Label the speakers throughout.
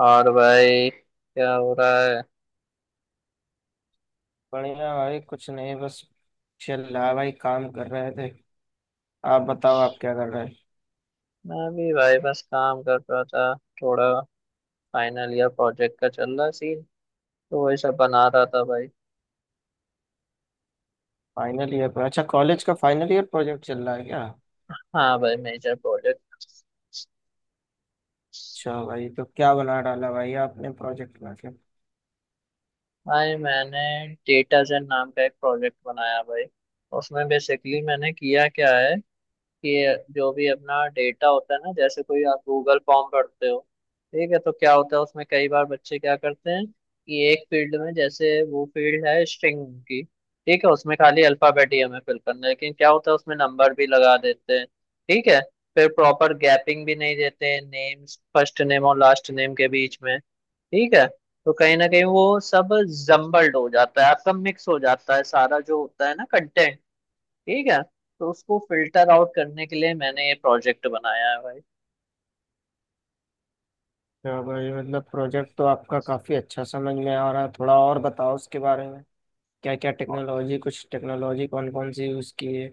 Speaker 1: और भाई क्या हो रहा है।
Speaker 2: बढ़िया भाई, कुछ नहीं, बस चल रहा भाई, काम कर रहे थे। आप बताओ, आप क्या कर रहे हैं?
Speaker 1: मैं भी भाई बस काम कर रहा था, थोड़ा फाइनल ईयर प्रोजेक्ट का चल रहा सीन, तो वही सब बना रहा था भाई।
Speaker 2: फाइनल ईयर पर? अच्छा, कॉलेज का फाइनल ईयर प्रोजेक्ट चल रहा है क्या?
Speaker 1: हाँ भाई, मेजर प्रोजेक्ट।
Speaker 2: अच्छा भाई, तो क्या बना डाला भाई आपने प्रोजेक्ट बना के?
Speaker 1: भाई मैंने डेटा जेन नाम का एक प्रोजेक्ट बनाया भाई। उसमें बेसिकली मैंने किया क्या है कि जो भी अपना डेटा होता है ना, जैसे कोई आप गूगल फॉर्म भरते हो, ठीक है, तो क्या होता है उसमें कई बार बच्चे क्या करते हैं कि एक फील्ड में, जैसे वो फील्ड है स्ट्रिंग की, ठीक है, उसमें खाली अल्फाबेट ही हमें फिल करना है, लेकिन क्या होता है उसमें नंबर भी लगा देते हैं। ठीक है, फिर प्रॉपर गैपिंग भी नहीं देते हैं नेम्स, फर्स्ट नेम और लास्ट नेम के बीच में। ठीक है, तो कहीं ना कहीं वो सब जम्बल्ड हो जाता है, आपका मिक्स हो जाता है सारा जो होता है ना कंटेंट। ठीक है, तो उसको फिल्टर आउट करने के लिए मैंने ये प्रोजेक्ट बनाया है भाई।
Speaker 2: अच्छा भाई, मतलब प्रोजेक्ट तो आपका काफी अच्छा समझ में आ रहा है। थोड़ा और बताओ उसके बारे में। क्या क्या टेक्नोलॉजी, कुछ टेक्नोलॉजी कौन कौन सी यूज की है?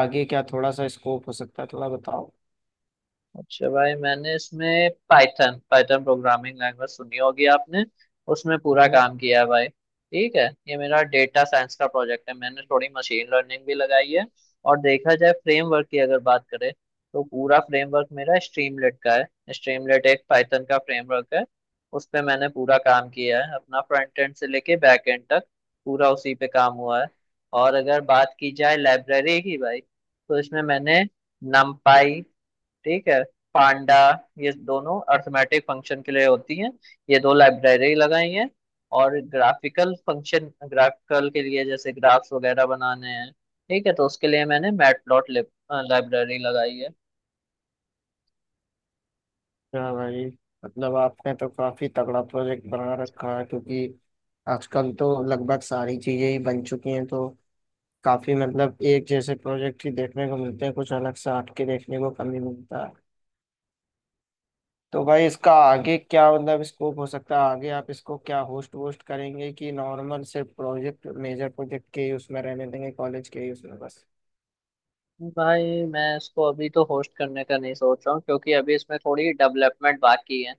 Speaker 2: आगे क्या थोड़ा सा स्कोप हो सकता है, थोड़ा बताओ।
Speaker 1: अच्छा भाई, मैंने इसमें पाइथन पाइथन प्रोग्रामिंग लैंग्वेज सुनी होगी आपने, उसमें पूरा
Speaker 2: हम्म।
Speaker 1: काम किया है भाई। ठीक है, ये मेरा डेटा साइंस का प्रोजेक्ट है, मैंने थोड़ी मशीन लर्निंग भी लगाई है। और देखा जाए, फ्रेमवर्क की अगर बात करें, तो पूरा फ्रेमवर्क मेरा स्ट्रीमलेट का है। स्ट्रीमलेट एक पाइथन का फ्रेमवर्क है। उस पे मैंने पूरा काम किया है, अपना फ्रंट एंड से लेके बैक एंड तक पूरा उसी पे काम हुआ है। और अगर बात की जाए लाइब्रेरी की भाई, तो इसमें मैंने numpy, ठीक है, पांडा, ये दोनों अर्थमेटिक फंक्शन के लिए होती हैं, ये दो लाइब्रेरी लगाई हैं। और ग्राफिकल फंक्शन, ग्राफिकल के लिए, जैसे ग्राफ्स वगैरह बनाने हैं, ठीक है, तो उसके लिए मैंने मैटप्लॉट लाइब्रेरी लगाई है।
Speaker 2: क्या भाई। मतलब आपने तो काफी तगड़ा प्रोजेक्ट बना रखा है, क्योंकि आजकल तो लगभग सारी चीजें ही बन चुकी हैं, तो काफी मतलब एक जैसे प्रोजेक्ट ही देखने को मिलते हैं, कुछ अलग से हटके देखने को कम ही मिलता है। तो भाई, इसका आगे क्या मतलब स्कोप हो सकता है? आगे आप इसको क्या होस्ट वोस्ट करेंगे, कि नॉर्मल सिर्फ प्रोजेक्ट मेजर प्रोजेक्ट के ही उसमें रहने देंगे कॉलेज के ही उसमें बस?
Speaker 1: भाई मैं इसको अभी तो होस्ट करने का नहीं सोच रहा हूँ, क्योंकि अभी इसमें थोड़ी डेवलपमेंट बाकी है।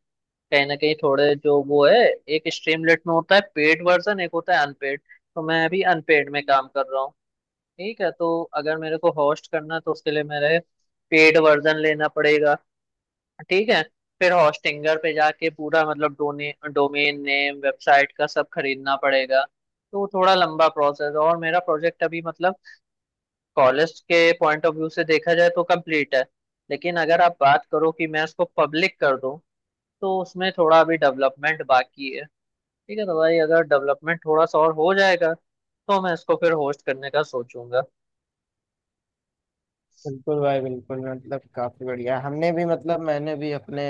Speaker 1: कहीं ना कहीं थोड़े जो वो है, एक स्ट्रीमलेट में होता है पेड वर्जन, एक होता है अनपेड, तो मैं अभी अनपेड में काम कर रहा हूँ। ठीक है, तो अगर मेरे को होस्ट करना है, तो उसके लिए मेरे पेड वर्जन लेना पड़ेगा। ठीक है, फिर होस्टिंगर पे जाके पूरा मतलब डोने डोमेन नेम वेबसाइट का सब खरीदना पड़ेगा, तो वो थोड़ा लंबा प्रोसेस, और मेरा प्रोजेक्ट अभी मतलब कॉलेज के पॉइंट ऑफ व्यू से देखा जाए तो कंप्लीट है। लेकिन अगर आप बात करो कि मैं इसको पब्लिक कर दूं, तो उसमें थोड़ा अभी डेवलपमेंट बाकी है। ठीक है, तो भाई अगर डेवलपमेंट थोड़ा सा और हो जाएगा, तो मैं इसको फिर होस्ट करने का सोचूंगा।
Speaker 2: बिल्कुल भाई, बिल्कुल। मतलब काफी बढ़िया। हमने भी मतलब मैंने भी अपने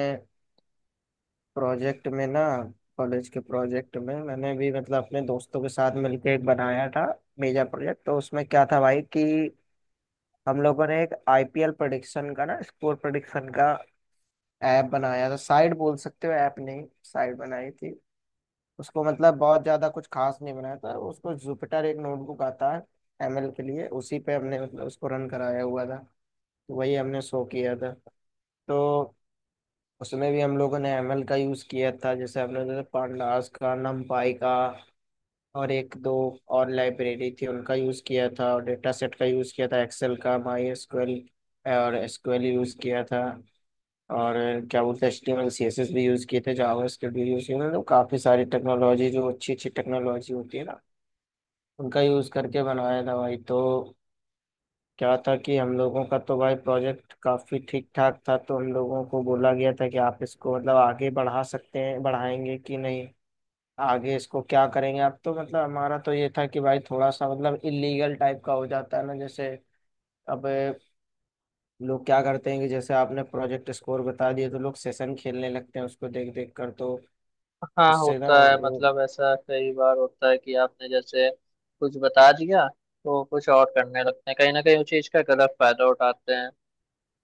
Speaker 2: प्रोजेक्ट में ना, कॉलेज के प्रोजेक्ट में मैंने भी मतलब अपने दोस्तों के साथ मिलकर एक बनाया था, मेजर प्रोजेक्ट। तो उसमें क्या था भाई कि हम लोगों ने एक आईपीएल प्रेडिक्शन का ना, स्कोर प्रेडिक्शन का ऐप बनाया था, साइट बोल सकते हो, ऐप नहीं साइट बनाई थी। उसको मतलब बहुत ज्यादा कुछ खास नहीं बनाया था उसको। जुपिटर एक नोटबुक आता है एमएल के लिए, उसी पे हमने मतलब उसको रन कराया हुआ था। तो वही हमने शो किया था, तो। उसमें भी हम लोगों ने एमएल का यूज किया था। जैसे हमने, जैसे पांडास का, numpy का, और एक दो और लाइब्रेरी थी उनका यूज किया था, और डेटा सेट का यूज किया था, एक्सेल का, माई एसक्यूएल और एसक्यूएल यूज किया था। और क्या बोलते हैं, एचटीएमएल सीएसएस भी यूज किए थे, जावास्क्रिप्ट भी यूज किए थे। तो काफी सारी टेक्नोलॉजी, जो अच्छी अच्छी टेक्नोलॉजी होती है ना, उनका यूज करके बनाया था भाई। तो क्या था कि हम लोगों का तो भाई प्रोजेक्ट काफी ठीक ठाक था, तो हम लोगों को बोला गया था कि आप इसको मतलब आगे बढ़ा सकते हैं, बढ़ाएंगे कि नहीं, आगे इसको क्या करेंगे आप? तो मतलब हमारा तो ये था कि भाई थोड़ा सा मतलब इलीगल टाइप का हो जाता है ना, जैसे अब लोग क्या करते हैं कि जैसे आपने प्रोजेक्ट स्कोर बता दिए, तो लोग सेशन खेलने लगते हैं उसको देख देख कर, तो
Speaker 1: हाँ
Speaker 2: उससे ना
Speaker 1: होता है,
Speaker 2: वो,
Speaker 1: मतलब ऐसा कई बार होता है कि आपने जैसे कुछ बता दिया, तो कुछ और करने लगते हैं, कहीं ना कहीं उस चीज का गलत फायदा उठाते हैं।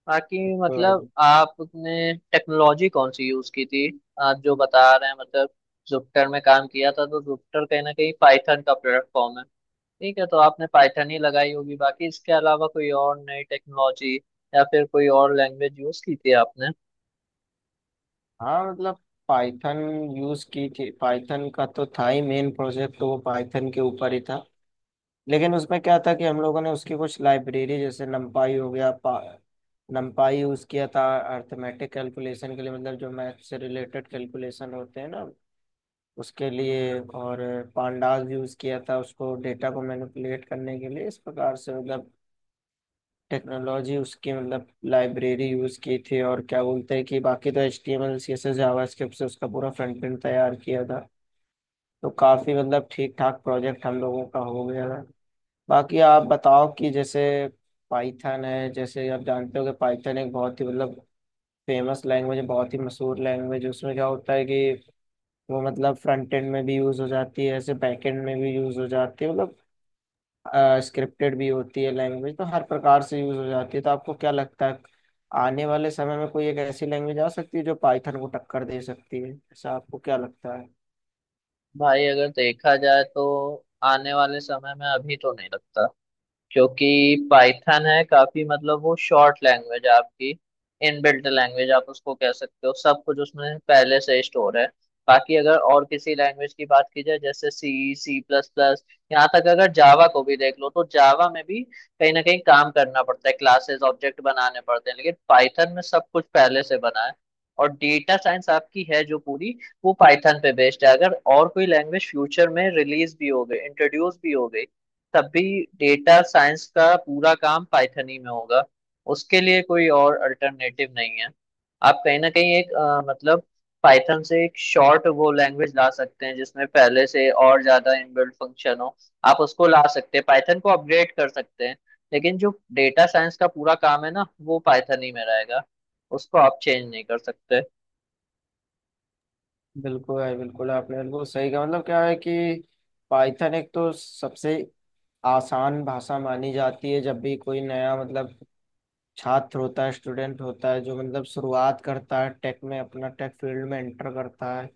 Speaker 1: बाकी
Speaker 2: उसको।
Speaker 1: मतलब आपने टेक्नोलॉजी कौन सी यूज की थी, आप जो बता रहे हैं, मतलब जुपिटर में काम किया था, तो जुपिटर कहीं ना कहीं पाइथन का प्लेटफॉर्म है। ठीक है, तो आपने पाइथन ही लगाई होगी, बाकी इसके अलावा कोई और नई टेक्नोलॉजी या फिर कोई और लैंग्वेज यूज की थी आपने?
Speaker 2: हाँ मतलब पाइथन यूज की थी, पाइथन का तो था ही, मेन प्रोजेक्ट तो वो पाइथन के ऊपर ही था। लेकिन उसमें क्या था कि हम लोगों ने उसकी कुछ लाइब्रेरी जैसे नमपाई हो गया, पा नमपाई यूज किया था अर्थमेटिक कैलकुलेशन के लिए, मतलब जो मैथ से रिलेटेड कैलकुलेशन होते हैं ना, उसके लिए। और पांडास भी यूज किया था उसको, डेटा को मैनिपुलेट करने के लिए। इस प्रकार से मतलब टेक्नोलॉजी उसकी मतलब लाइब्रेरी यूज की थी। और क्या बोलते हैं कि बाकी तो H T M L C S S JavaScript से उसका पूरा फ्रंट एंड तैयार किया था। तो काफी मतलब ठीक ठाक प्रोजेक्ट हम लोगों का हो गया था। बाकी आप बताओ कि जैसे पाइथन है, जैसे आप जानते हो कि पाइथन एक बहुत ही मतलब फेमस लैंग्वेज है, बहुत ही मशहूर लैंग्वेज है। उसमें क्या होता है कि वो मतलब फ्रंट एंड में भी यूज हो जाती है, ऐसे बैक एंड में भी यूज हो जाती है, मतलब स्क्रिप्टेड भी होती है लैंग्वेज, तो हर प्रकार से यूज हो जाती है। तो आपको क्या लगता है, आने वाले समय में कोई एक ऐसी लैंग्वेज आ सकती है जो पाइथन को टक्कर दे सकती है? ऐसा आपको क्या लगता है?
Speaker 1: भाई अगर देखा जाए, तो आने वाले समय में अभी तो नहीं लगता, क्योंकि पाइथन है काफी मतलब, वो शॉर्ट लैंग्वेज है आपकी, इनबिल्ट लैंग्वेज आप उसको कह सकते हो, सब कुछ उसमें पहले से स्टोर है। बाकी अगर और किसी लैंग्वेज की बात की जाए, जैसे सी, सी प्लस प्लस, यहाँ तक अगर जावा को भी देख लो, तो जावा में भी कहीं ना कहीं काम करना पड़ता है, क्लासेस ऑब्जेक्ट बनाने पड़ते हैं, लेकिन पाइथन में सब कुछ पहले से बना है। और डेटा साइंस आपकी है जो पूरी, वो पाइथन पे बेस्ड है। अगर और कोई लैंग्वेज फ्यूचर में रिलीज भी हो गई, इंट्रोड्यूस भी हो गई, तब भी डेटा साइंस का पूरा काम पाइथन ही में होगा, उसके लिए कोई और अल्टरनेटिव नहीं है। आप कहीं ना कहीं एक मतलब पाइथन से एक शॉर्ट वो लैंग्वेज ला सकते हैं, जिसमें पहले से और ज्यादा इनबिल्ट फंक्शन हो, आप उसको ला सकते हैं, पाइथन को अपग्रेड कर सकते हैं। लेकिन जो डेटा साइंस का पूरा काम है ना, वो पाइथन ही में रहेगा, उसको आप चेंज नहीं कर सकते।
Speaker 2: बिल्कुल है, बिल्कुल। आपने बिल्कुल सही कहा। मतलब क्या है कि पाइथन एक तो सबसे आसान भाषा मानी जाती है। जब भी कोई नया, मतलब छात्र होता है, स्टूडेंट होता है, जो मतलब शुरुआत करता है, टेक में अपना, टेक फील्ड में एंटर करता है,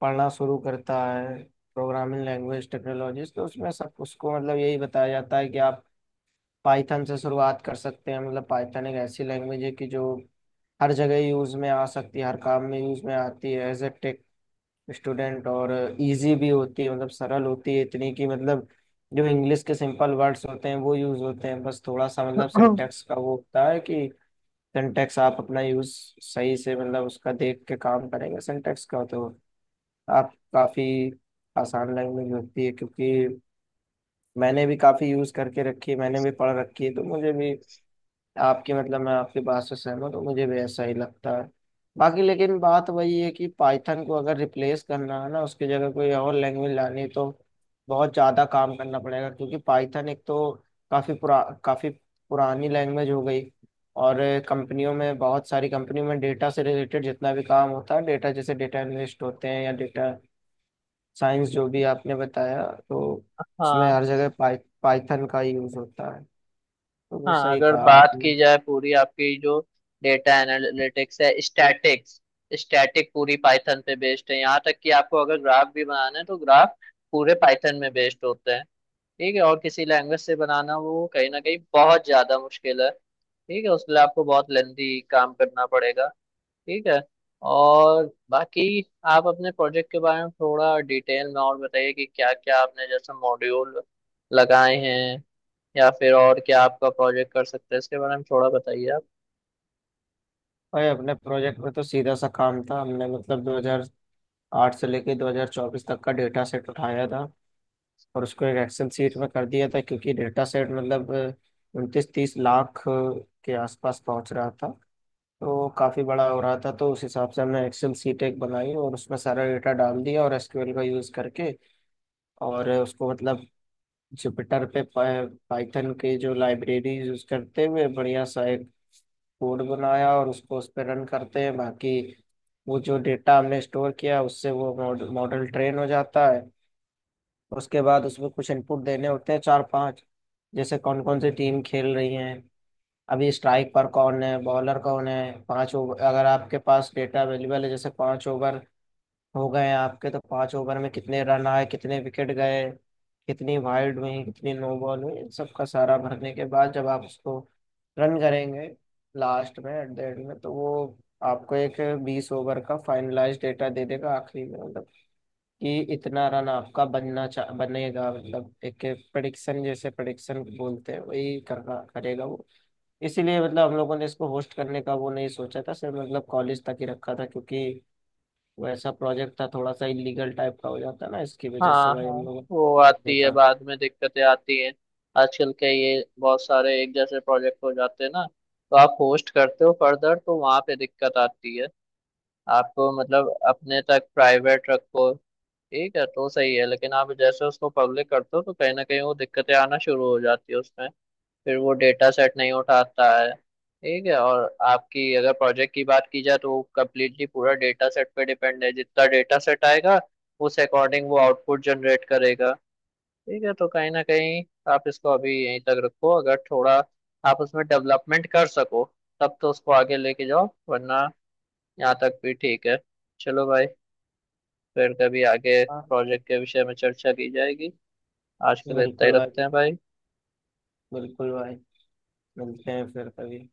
Speaker 2: पढ़ना शुरू करता है प्रोग्रामिंग लैंग्वेज टेक्नोलॉजीज, तो उसमें सब उसको मतलब यही बताया जाता है कि आप पाइथन से शुरुआत कर सकते हैं। मतलब पाइथन एक ऐसी लैंग्वेज है कि जो हर जगह यूज में आ सकती है, हर काम में यूज में आती है, एज ए स्टूडेंट। और इजी भी होती है, मतलब सरल होती है इतनी कि, मतलब जो इंग्लिश के सिंपल वर्ड्स होते हैं वो यूज होते हैं, बस थोड़ा सा मतलब सिंटेक्स का वो होता है कि सिंटेक्स आप अपना यूज सही से, मतलब उसका देख के काम करेंगे सिंटेक्स का, तो आप काफी आसान लैंग्वेज होती है। क्योंकि मैंने भी काफी यूज करके रखी है, मैंने भी पढ़ रखी है, तो मुझे भी आपकी, मतलब मैं आपकी बात से सहमत हूँ, मुझे भी ऐसा ही लगता है। बाकी लेकिन बात वही है कि पाइथन को अगर रिप्लेस करना है ना, उसकी जगह कोई और लैंग्वेज लानी है, तो बहुत ज़्यादा काम करना पड़ेगा। क्योंकि पाइथन एक तो काफ़ी पुरानी लैंग्वेज हो गई। और कंपनियों में, बहुत सारी कंपनियों में डेटा से रिलेटेड जितना भी काम होता है, डेटा जैसे डेटा एनालिस्ट होते हैं या डेटा साइंस, जो भी आपने बताया, तो उसमें
Speaker 1: हाँ
Speaker 2: हर जगह पाइथन का यूज़ होता है। तो वो
Speaker 1: हाँ,
Speaker 2: सही
Speaker 1: अगर
Speaker 2: कहा
Speaker 1: बात
Speaker 2: आपने।
Speaker 1: की जाए, पूरी आपकी जो डेटा एनालिटिक्स है, स्टैटिक्स, स्टैटिक पूरी पाइथन पे बेस्ड है। यहाँ तक कि आपको अगर ग्राफ भी बनाना है, तो ग्राफ पूरे पाइथन में बेस्ड होते हैं। ठीक है, और किसी लैंग्वेज से बनाना वो कहीं ना कहीं बहुत ज्यादा मुश्किल है। ठीक है, उसके लिए आपको बहुत लेंथी काम करना पड़ेगा। ठीक है, और बाकी आप अपने प्रोजेक्ट के बारे में थोड़ा डिटेल में और बताइए, कि क्या क्या आपने जैसे मॉड्यूल लगाए हैं, या फिर और क्या आपका प्रोजेक्ट कर सकता है, इसके बारे में थोड़ा बताइए आप।
Speaker 2: भाई, अपने प्रोजेक्ट में तो सीधा सा काम था। हमने मतलब 2008 से लेके 2024 तक का डेटा सेट उठाया था, और उसको एक एक्सेल शीट में कर दिया था, क्योंकि डेटा सेट मतलब 29-30 लाख के आसपास पहुंच रहा था, तो काफ़ी बड़ा हो रहा था। तो उस हिसाब से हमने एक्सेल शीट एक बनाई और उसमें सारा डेटा डाल दिया, और एसक्यूएल का यूज़ करके, और उसको मतलब जुपिटर पे पाइथन के जो लाइब्रेरी यूज़ करते हुए बढ़िया सा एक कोड बनाया और उसको उस पर रन करते हैं, बाकी वो जो डेटा हमने स्टोर किया उससे वो मॉडल मॉडल ट्रेन हो जाता है। उसके बाद उसमें कुछ इनपुट देने होते हैं चार पांच, जैसे कौन कौन सी टीम खेल रही है, अभी स्ट्राइक पर कौन है, बॉलर कौन है, 5 ओवर अगर आपके पास डेटा अवेलेबल है, जैसे 5 ओवर हो गए आपके, तो 5 ओवर में कितने रन आए, कितने विकेट गए, कितनी वाइड हुई, कितनी नो बॉल हुई, इन सबका सारा भरने के बाद जब आप उसको रन करेंगे, लास्ट में एट द एंड में, तो वो आपको एक 20 ओवर का फाइनलाइज डेटा दे देगा आखिरी में। मतलब कि इतना रन आपका बनना चा बनेगा, मतलब एक प्रडिक्शन, जैसे प्रडिक्शन बोलते हैं, वही करना करेगा वो। इसीलिए मतलब हम लोगों ने इसको होस्ट करने का वो नहीं सोचा था, सिर्फ मतलब कॉलेज तक ही रखा था, क्योंकि वैसा प्रोजेक्ट था, थोड़ा सा इलीगल टाइप का हो जाता ना, इसकी वजह से
Speaker 1: हाँ
Speaker 2: भाई
Speaker 1: हाँ,
Speaker 2: हम लोगों
Speaker 1: वो
Speaker 2: ने
Speaker 1: आती है,
Speaker 2: देखा।
Speaker 1: बाद में दिक्कतें आती हैं। आजकल के ये बहुत सारे एक जैसे प्रोजेक्ट हो जाते हैं ना, तो आप होस्ट करते हो फर्दर, तो वहाँ पे दिक्कत आती है। आपको मतलब अपने तक प्राइवेट रखो, ठीक है तो सही है, लेकिन आप जैसे उसको पब्लिक करते हो, तो कहीं ना कहीं वो दिक्कतें आना शुरू हो जाती है उसमें, फिर वो डेटा सेट नहीं उठाता है। ठीक है, और आपकी अगर प्रोजेक्ट की बात की जाए, तो कम्प्लीटली पूरा डेटा सेट पे डिपेंड है, जितना डेटा सेट आएगा, उस अकॉर्डिंग वो आउटपुट जनरेट करेगा। ठीक है, तो कहीं ना कहीं आप इसको अभी यहीं तक रखो, अगर थोड़ा आप उसमें डेवलपमेंट कर सको, तब तो उसको आगे लेके जाओ, वरना यहाँ तक भी ठीक है। चलो भाई, फिर कभी आगे
Speaker 2: हाँ।
Speaker 1: प्रोजेक्ट के विषय में चर्चा की जाएगी। आज के लिए इतना ही
Speaker 2: बिल्कुल
Speaker 1: रखते
Speaker 2: भाई।
Speaker 1: हैं भाई।
Speaker 2: बिल्कुल भाई। मिलते हैं फिर कभी।